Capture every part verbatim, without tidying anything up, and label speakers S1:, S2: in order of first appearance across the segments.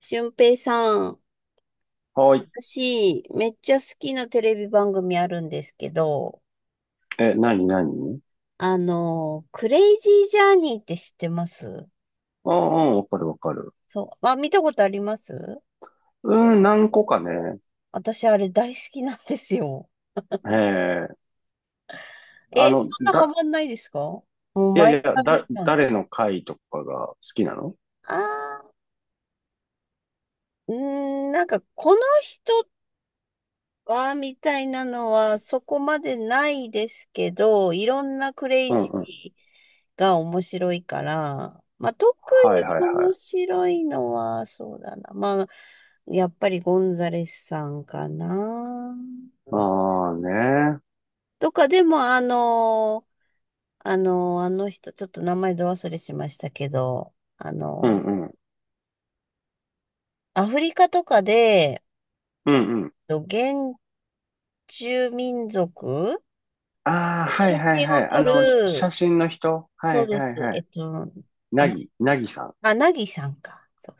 S1: 俊平さん、
S2: はい。
S1: 私、めっちゃ好きなテレビ番組あるんですけど、
S2: え、何何
S1: あの、クレイジージャーニーって知ってます？
S2: ああ、うんうんわかるわかる。
S1: そう。あ、見たことあります？
S2: うん、何個かね。
S1: 私、あれ大好きなんですよ。
S2: ええ。あ
S1: え、そ
S2: の、
S1: んなハ
S2: だ、
S1: マんないですか？もう
S2: いやい
S1: 毎
S2: や、
S1: 回見
S2: だ、
S1: たの。
S2: 誰の回とかが好きなの
S1: あー、うーん、なんか、この人っわーみたいなのはそこまでないですけど、いろんなクレイ
S2: うん
S1: ジ
S2: うん。
S1: ーが面白いから、まあ、特
S2: はいはいはい。
S1: に面白いのは、そうだな。まあ、やっぱりゴンザレスさんかな。
S2: ああね。
S1: とか、でも、あの、あの、あの人、ちょっと名前ど忘れしましたけど、あ
S2: う
S1: の、
S2: んうん。
S1: アフリカとかで、
S2: うんうん。
S1: と原住民族、
S2: ああ、はい
S1: 写
S2: はい
S1: 真
S2: は
S1: を
S2: い。あ
S1: 撮
S2: の、し写
S1: る、
S2: 真の人は
S1: そう
S2: い
S1: で
S2: は
S1: す。
S2: いは
S1: えっ
S2: い。
S1: と、
S2: な
S1: な、
S2: ぎ、なぎさ
S1: あ、なぎさんか。そう。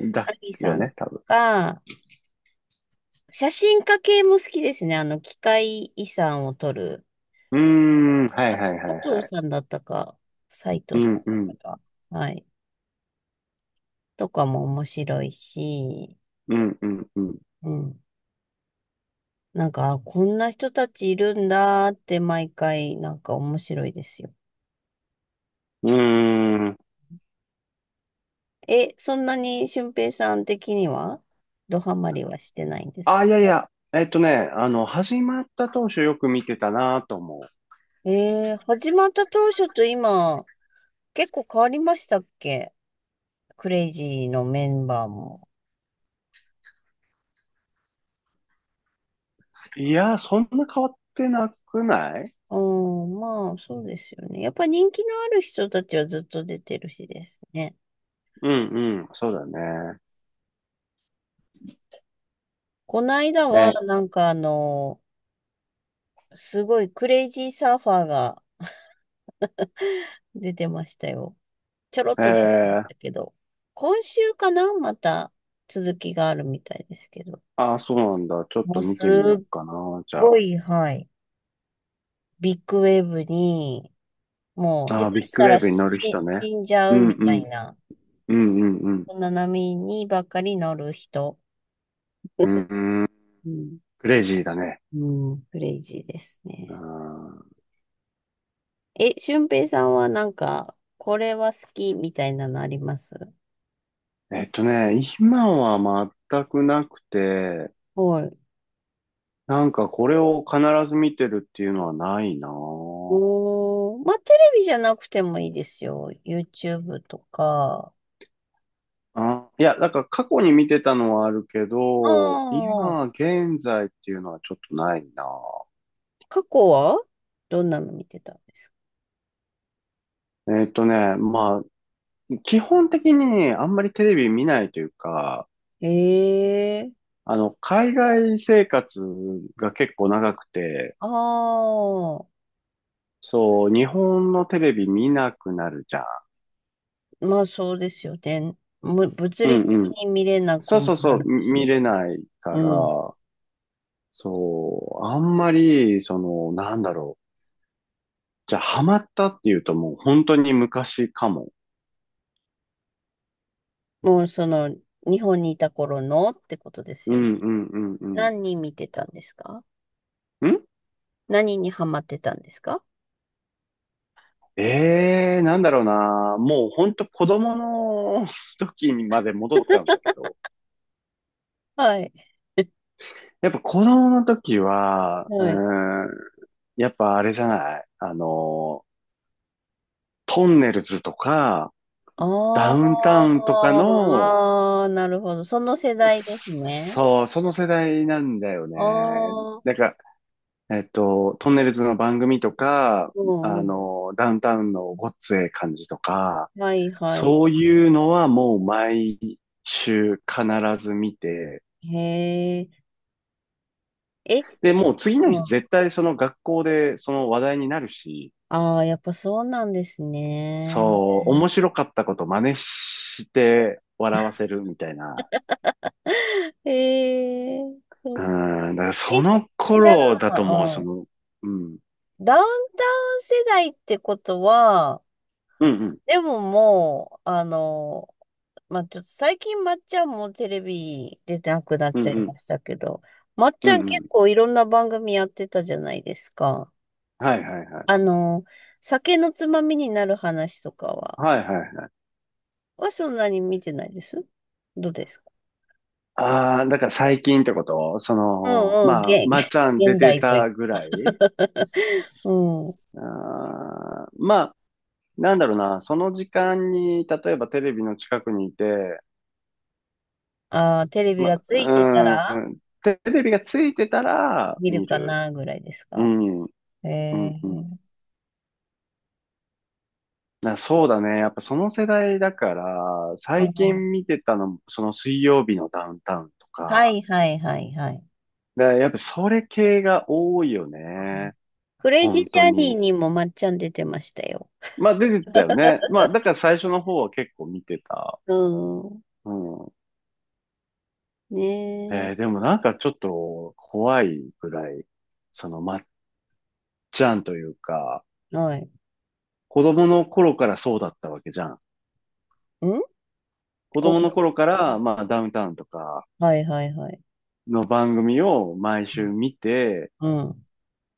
S2: ん。だ
S1: なぎ
S2: よ
S1: さん
S2: ね、多分。
S1: が、写真家系も好きですね。あの、機械遺産を撮る。
S2: うーん、はい
S1: あ、
S2: はい
S1: 佐
S2: はいは
S1: 藤
S2: い。
S1: さんだったか、斉
S2: う
S1: 藤さん
S2: んう
S1: だった
S2: ん。
S1: か。はい。とかも面白いし、
S2: うんうんうん。
S1: うん。なんか、あこんな人たちいるんだって毎回、なんか面白いですよ。
S2: うーん。
S1: え、そんなに俊平さん的には、ドハマりはしてないんです
S2: あ、
S1: か？
S2: いやいや、えっとね、あの、始まった当初よく見てたなと思
S1: えー、始まった当初と今、結構変わりましたっけ？クレイジーのメンバーも。
S2: う。いや、そんな変わってなくない
S1: うん、まあ、そうですよね。やっぱ人気のある人たちはずっと出てるしですね。
S2: うんうん、そうだね。
S1: この間は、
S2: え、
S1: なんかあの、すごいクレイジーサーファーが出てましたよ。ちょろっ
S2: え
S1: と出てまし
S2: ー、
S1: たけど。今週かなまた続きがあるみたいですけど。
S2: あ、そうなんだ。ちょっ
S1: も
S2: と
S1: う
S2: 見
S1: す
S2: てみよ
S1: っ
S2: うかな、じゃ
S1: ごい、はい。ビッグウェーブに、もう下
S2: あ。あ、
S1: 手
S2: ビッ
S1: し
S2: グ
S1: た
S2: ウェー
S1: ら
S2: ブに
S1: 死
S2: 乗る人ね。
S1: 死んじゃ
S2: う
S1: う
S2: んう
S1: みたい
S2: ん、
S1: な。
S2: うんうんうん。
S1: こんな波にばっかり乗る人。
S2: うんうん、
S1: うん。
S2: クレイジーだね。
S1: うん、クレイジーです
S2: うん、
S1: ね。え、俊平さんはなんか、これは好きみたいなのあります？
S2: えっとね、今は全くなくて、
S1: はい。
S2: なんかこれを必ず見てるっていうのはないな
S1: おー、まあ、テレビじゃなくてもいいですよ。YouTube とか。
S2: あ、いや、なんか過去に見てたのはあるけ
S1: あ
S2: ど、
S1: あ、
S2: 今、現在っていうのはちょっとないな。
S1: 過去はどんなの見てたんですか？
S2: えっとね、まあ、基本的にあんまりテレビ見ないというか、
S1: ええ。
S2: あの、海外生活が結構長くて、
S1: ああー、
S2: そう、日本のテレビ見なくなるじゃん。
S1: まあそうですよね。む物
S2: う
S1: 理的
S2: んうん。
S1: に見れなく
S2: そうそ
S1: も
S2: うそ
S1: な
S2: う、
S1: る
S2: み見れ
S1: し。
S2: ないから、
S1: うん。
S2: そう、あんまり、その、なんだろう。じゃあ、ハマったっていうともう本当に昔かも。
S1: もうその、日本にいた頃のってことです
S2: う
S1: よね。
S2: んうんうん
S1: 何人見てたんですか？
S2: ん
S1: 何にハマってたんですか？
S2: ええー、なんだろうな。もうほんと子供の 時にまで戻っちゃうんだけど。
S1: はい。
S2: やっぱ子供の時は、う
S1: はい。
S2: ーん、やっぱあれじゃない。あの、トンネルズとか、ダ
S1: あ
S2: ウンタウ
S1: ー
S2: ンとかの、
S1: あー、なるほど。その世代ですね。
S2: そう、その世代なんだよね。
S1: あ
S2: なん
S1: あ、
S2: か、えっと、トンネルズの番組とか、
S1: うん
S2: あ
S1: うん。
S2: の、ダウンタウンのごっつええ感じとか、
S1: はいはい。
S2: そういうのはもう毎週必ず見て、
S1: へえ。え、
S2: で、もう次の
S1: う
S2: 日
S1: ん。
S2: 絶対その学校でその話題になるし、
S1: ああ、やっぱそうなんですね。
S2: そう、面白かったこと真似して笑わせるみたいな。
S1: へえ。そ
S2: う
S1: う。
S2: ん、だからそ
S1: え、
S2: の
S1: じゃ
S2: 頃だと
S1: あ、
S2: もう、
S1: う
S2: そ
S1: ん。
S2: の、うん、
S1: ダウンタウン世代ってことは、
S2: うん、
S1: でももう、あの、まあ、ちょっと最近まっちゃんもテレビ出てなくなっ
S2: うん、う
S1: ちゃ
S2: ん、
S1: い
S2: うん、
S1: ましたけど、まっち
S2: うん、
S1: ゃん
S2: う
S1: 結
S2: ん。
S1: 構いろんな番組やってたじゃないですか。
S2: はいはいはい。
S1: あの、酒のつまみになる話とかは、
S2: はいはいはい。
S1: はそんなに見てないです。どうですか？
S2: ああ、だから最近ってことそ
S1: う
S2: の、
S1: んうん、
S2: まあ、
S1: げ、
S2: ま
S1: げ
S2: っちゃ ん出
S1: 現
S2: て
S1: 代とい
S2: たぐらい
S1: う。うん。
S2: あーまあ、なんだろうな、その時間に、例えばテレビの近くにいて、
S1: ああ、テレビ
S2: ま、
S1: がついてた
S2: う
S1: ら
S2: ん、テレビがついてたら
S1: 見る
S2: 見
S1: か
S2: る。
S1: なぐらいです
S2: う
S1: か？
S2: ん、うん、
S1: え
S2: う
S1: え
S2: ん。
S1: ー。
S2: な、そうだね。やっぱその世代だから、
S1: あ
S2: 最
S1: ー。
S2: 近見てたのも、その水曜日のダウンタウンと
S1: は
S2: か、
S1: いはいはいはい。
S2: で、やっぱそれ系が多いよね。
S1: クレイジー
S2: 本
S1: ジ
S2: 当
S1: ャーニー
S2: に。
S1: にもまっちゃん出てましたよ。
S2: まあ出てたよね。まあだから最初の方は結構見てた。
S1: うん。
S2: うん。
S1: ね
S2: えーでもなんかちょっと怖いぐらい、そのマじゃんというか、
S1: え。はい。
S2: 子供の頃からそうだったわけじゃん。
S1: ん
S2: 子
S1: こ、
S2: 供の頃から、まあ、ダウンタウンとか
S1: はいはいはい。
S2: の番組を毎週見て、
S1: うん。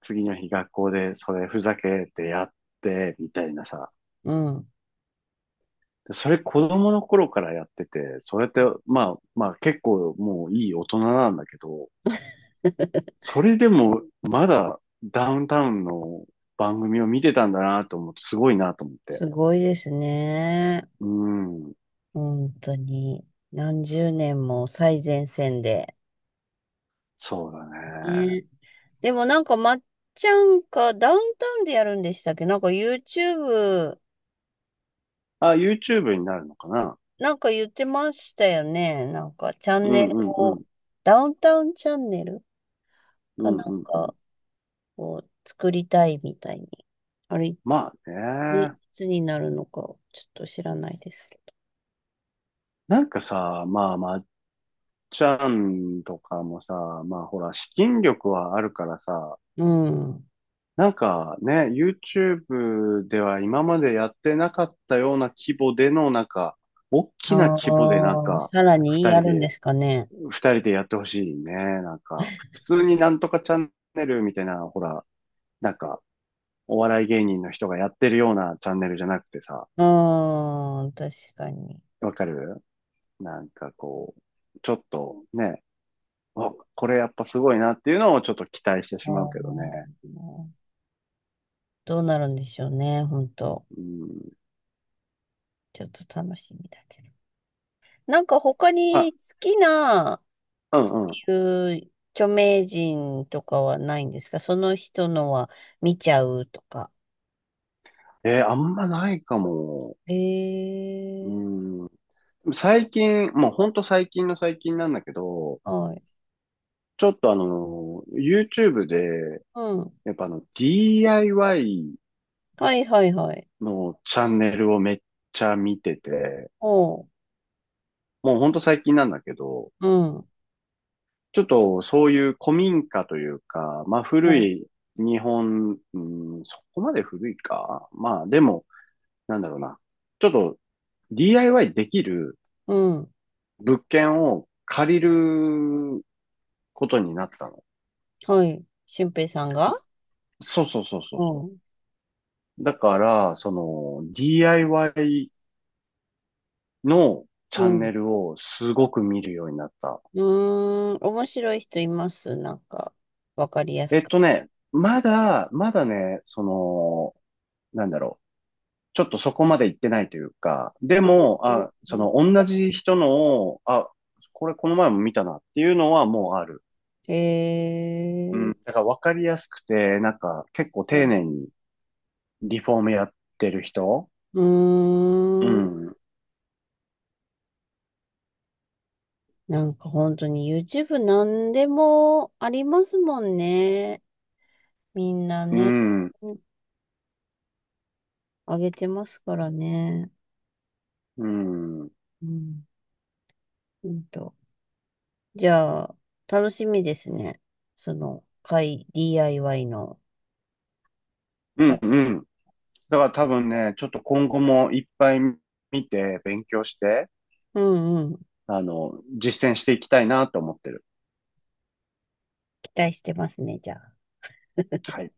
S2: 次の日学校でそれふざけてやって、みたいなさ。
S1: うん。
S2: でそれ子供の頃からやってて、それって、まあ、まあ結構もういい大人なんだけど、それでもまだダウンタウンの番組を見てたんだなと思って、すごいなと思って。
S1: すごいですね。
S2: うん、
S1: 本当に。何十年も最前線で。
S2: そうだね。
S1: ね。でもなんかまっちゃんかダウンタウンでやるんでしたっけ？なんか YouTube。
S2: あ、YouTube になるのかな
S1: なんか言ってましたよね。なんかチャン
S2: う
S1: ネ
S2: ん
S1: ル
S2: うんう
S1: を、
S2: ん。
S1: ダウンタウンチャンネル
S2: う
S1: か
S2: ん
S1: なん
S2: うんうん。
S1: か。こう作りたいみたいに。あれ、ね、
S2: まあ
S1: い
S2: ね。
S1: つになるのか、ちょっと知らないですけ
S2: なんかさ、まあ、まっちゃんとかもさ、まあほら、資金力はあるからさ、
S1: ど。うん。
S2: なんかね、YouTube では今までやってなかったような規模での、なんか、大きな規模でなん
S1: ああ、
S2: か、
S1: さらに
S2: 二
S1: や
S2: 人
S1: るんで
S2: で、
S1: すかね？
S2: 二人でやってほしいね。なんか、普通になんとかチャンネルみたいな、ほら、なんか、お笑い芸人の人がやってるようなチャンネルじゃなくてさ、
S1: うーん、確かに。
S2: わかるなんかこう、ちょっとね、あ、これやっぱすごいなっていうのをちょっと期待して
S1: あ
S2: しまうけどね。
S1: ーどうなるんでしょうね、本当。
S2: うん。
S1: ちょっと楽しみだけど。なんか他
S2: ま
S1: に
S2: あ、
S1: 好きな、
S2: う
S1: そ
S2: んうん。
S1: ういう著名人とかはないんですか？その人のは見ちゃうとか。
S2: えーあんまないかも。
S1: ええ。
S2: うん。最近、もうほんと最近の最近なんだけど、
S1: はい。
S2: ちょっとあの、YouTube で、
S1: うん。
S2: やっぱあの、ディーアイワイ
S1: はいはいはい。
S2: のチャンネルをめっちゃ見てて、
S1: おう、
S2: もうほんと最近なんだけど、
S1: うん、
S2: ちょっとそういう古民家というか、まあ
S1: お
S2: 古
S1: う、
S2: い日本、うん、そこまで古いか。まあでも、なんだろうな。ちょっと ディーアイワイ できる
S1: うん、
S2: 物件を借りることになったの。
S1: はい。俊平さんが。
S2: そうそうそうそう
S1: お
S2: そ
S1: う、
S2: う。だから、その ディーアイワイ のチ
S1: う
S2: ャン
S1: ん。
S2: ネルをすごく見るようになった。
S1: うーん、面白い人います？なんか、わかりや
S2: え
S1: す
S2: っ
S1: く。
S2: とね、まだ、まだね、その、なんだろちょっとそこまで行ってないというか、でも、
S1: う
S2: あ、その
S1: ん。
S2: 同じ人の、あ、これこの前も見たなっていうのはもうある。
S1: へ
S2: うん。
S1: ー。
S2: だから分かりやすくて、なんか結構
S1: う
S2: 丁
S1: ん。
S2: 寧にリフォームやってる人う
S1: うーん。
S2: ん。
S1: なんか本当に YouTube なんでもありますもんね。みんな
S2: う
S1: ね、
S2: ん。
S1: うん、上げてますからね。
S2: うん。うん。
S1: うん、うんと。じゃあ、楽しみですね。その、会、ディーアイワイ の
S2: う
S1: か。
S2: ん。だから多分ね、ちょっと今後もいっぱい見て勉強して、
S1: うんうん。
S2: あの、実践していきたいなと思ってる。
S1: 期待してますね、じゃあ。
S2: はい。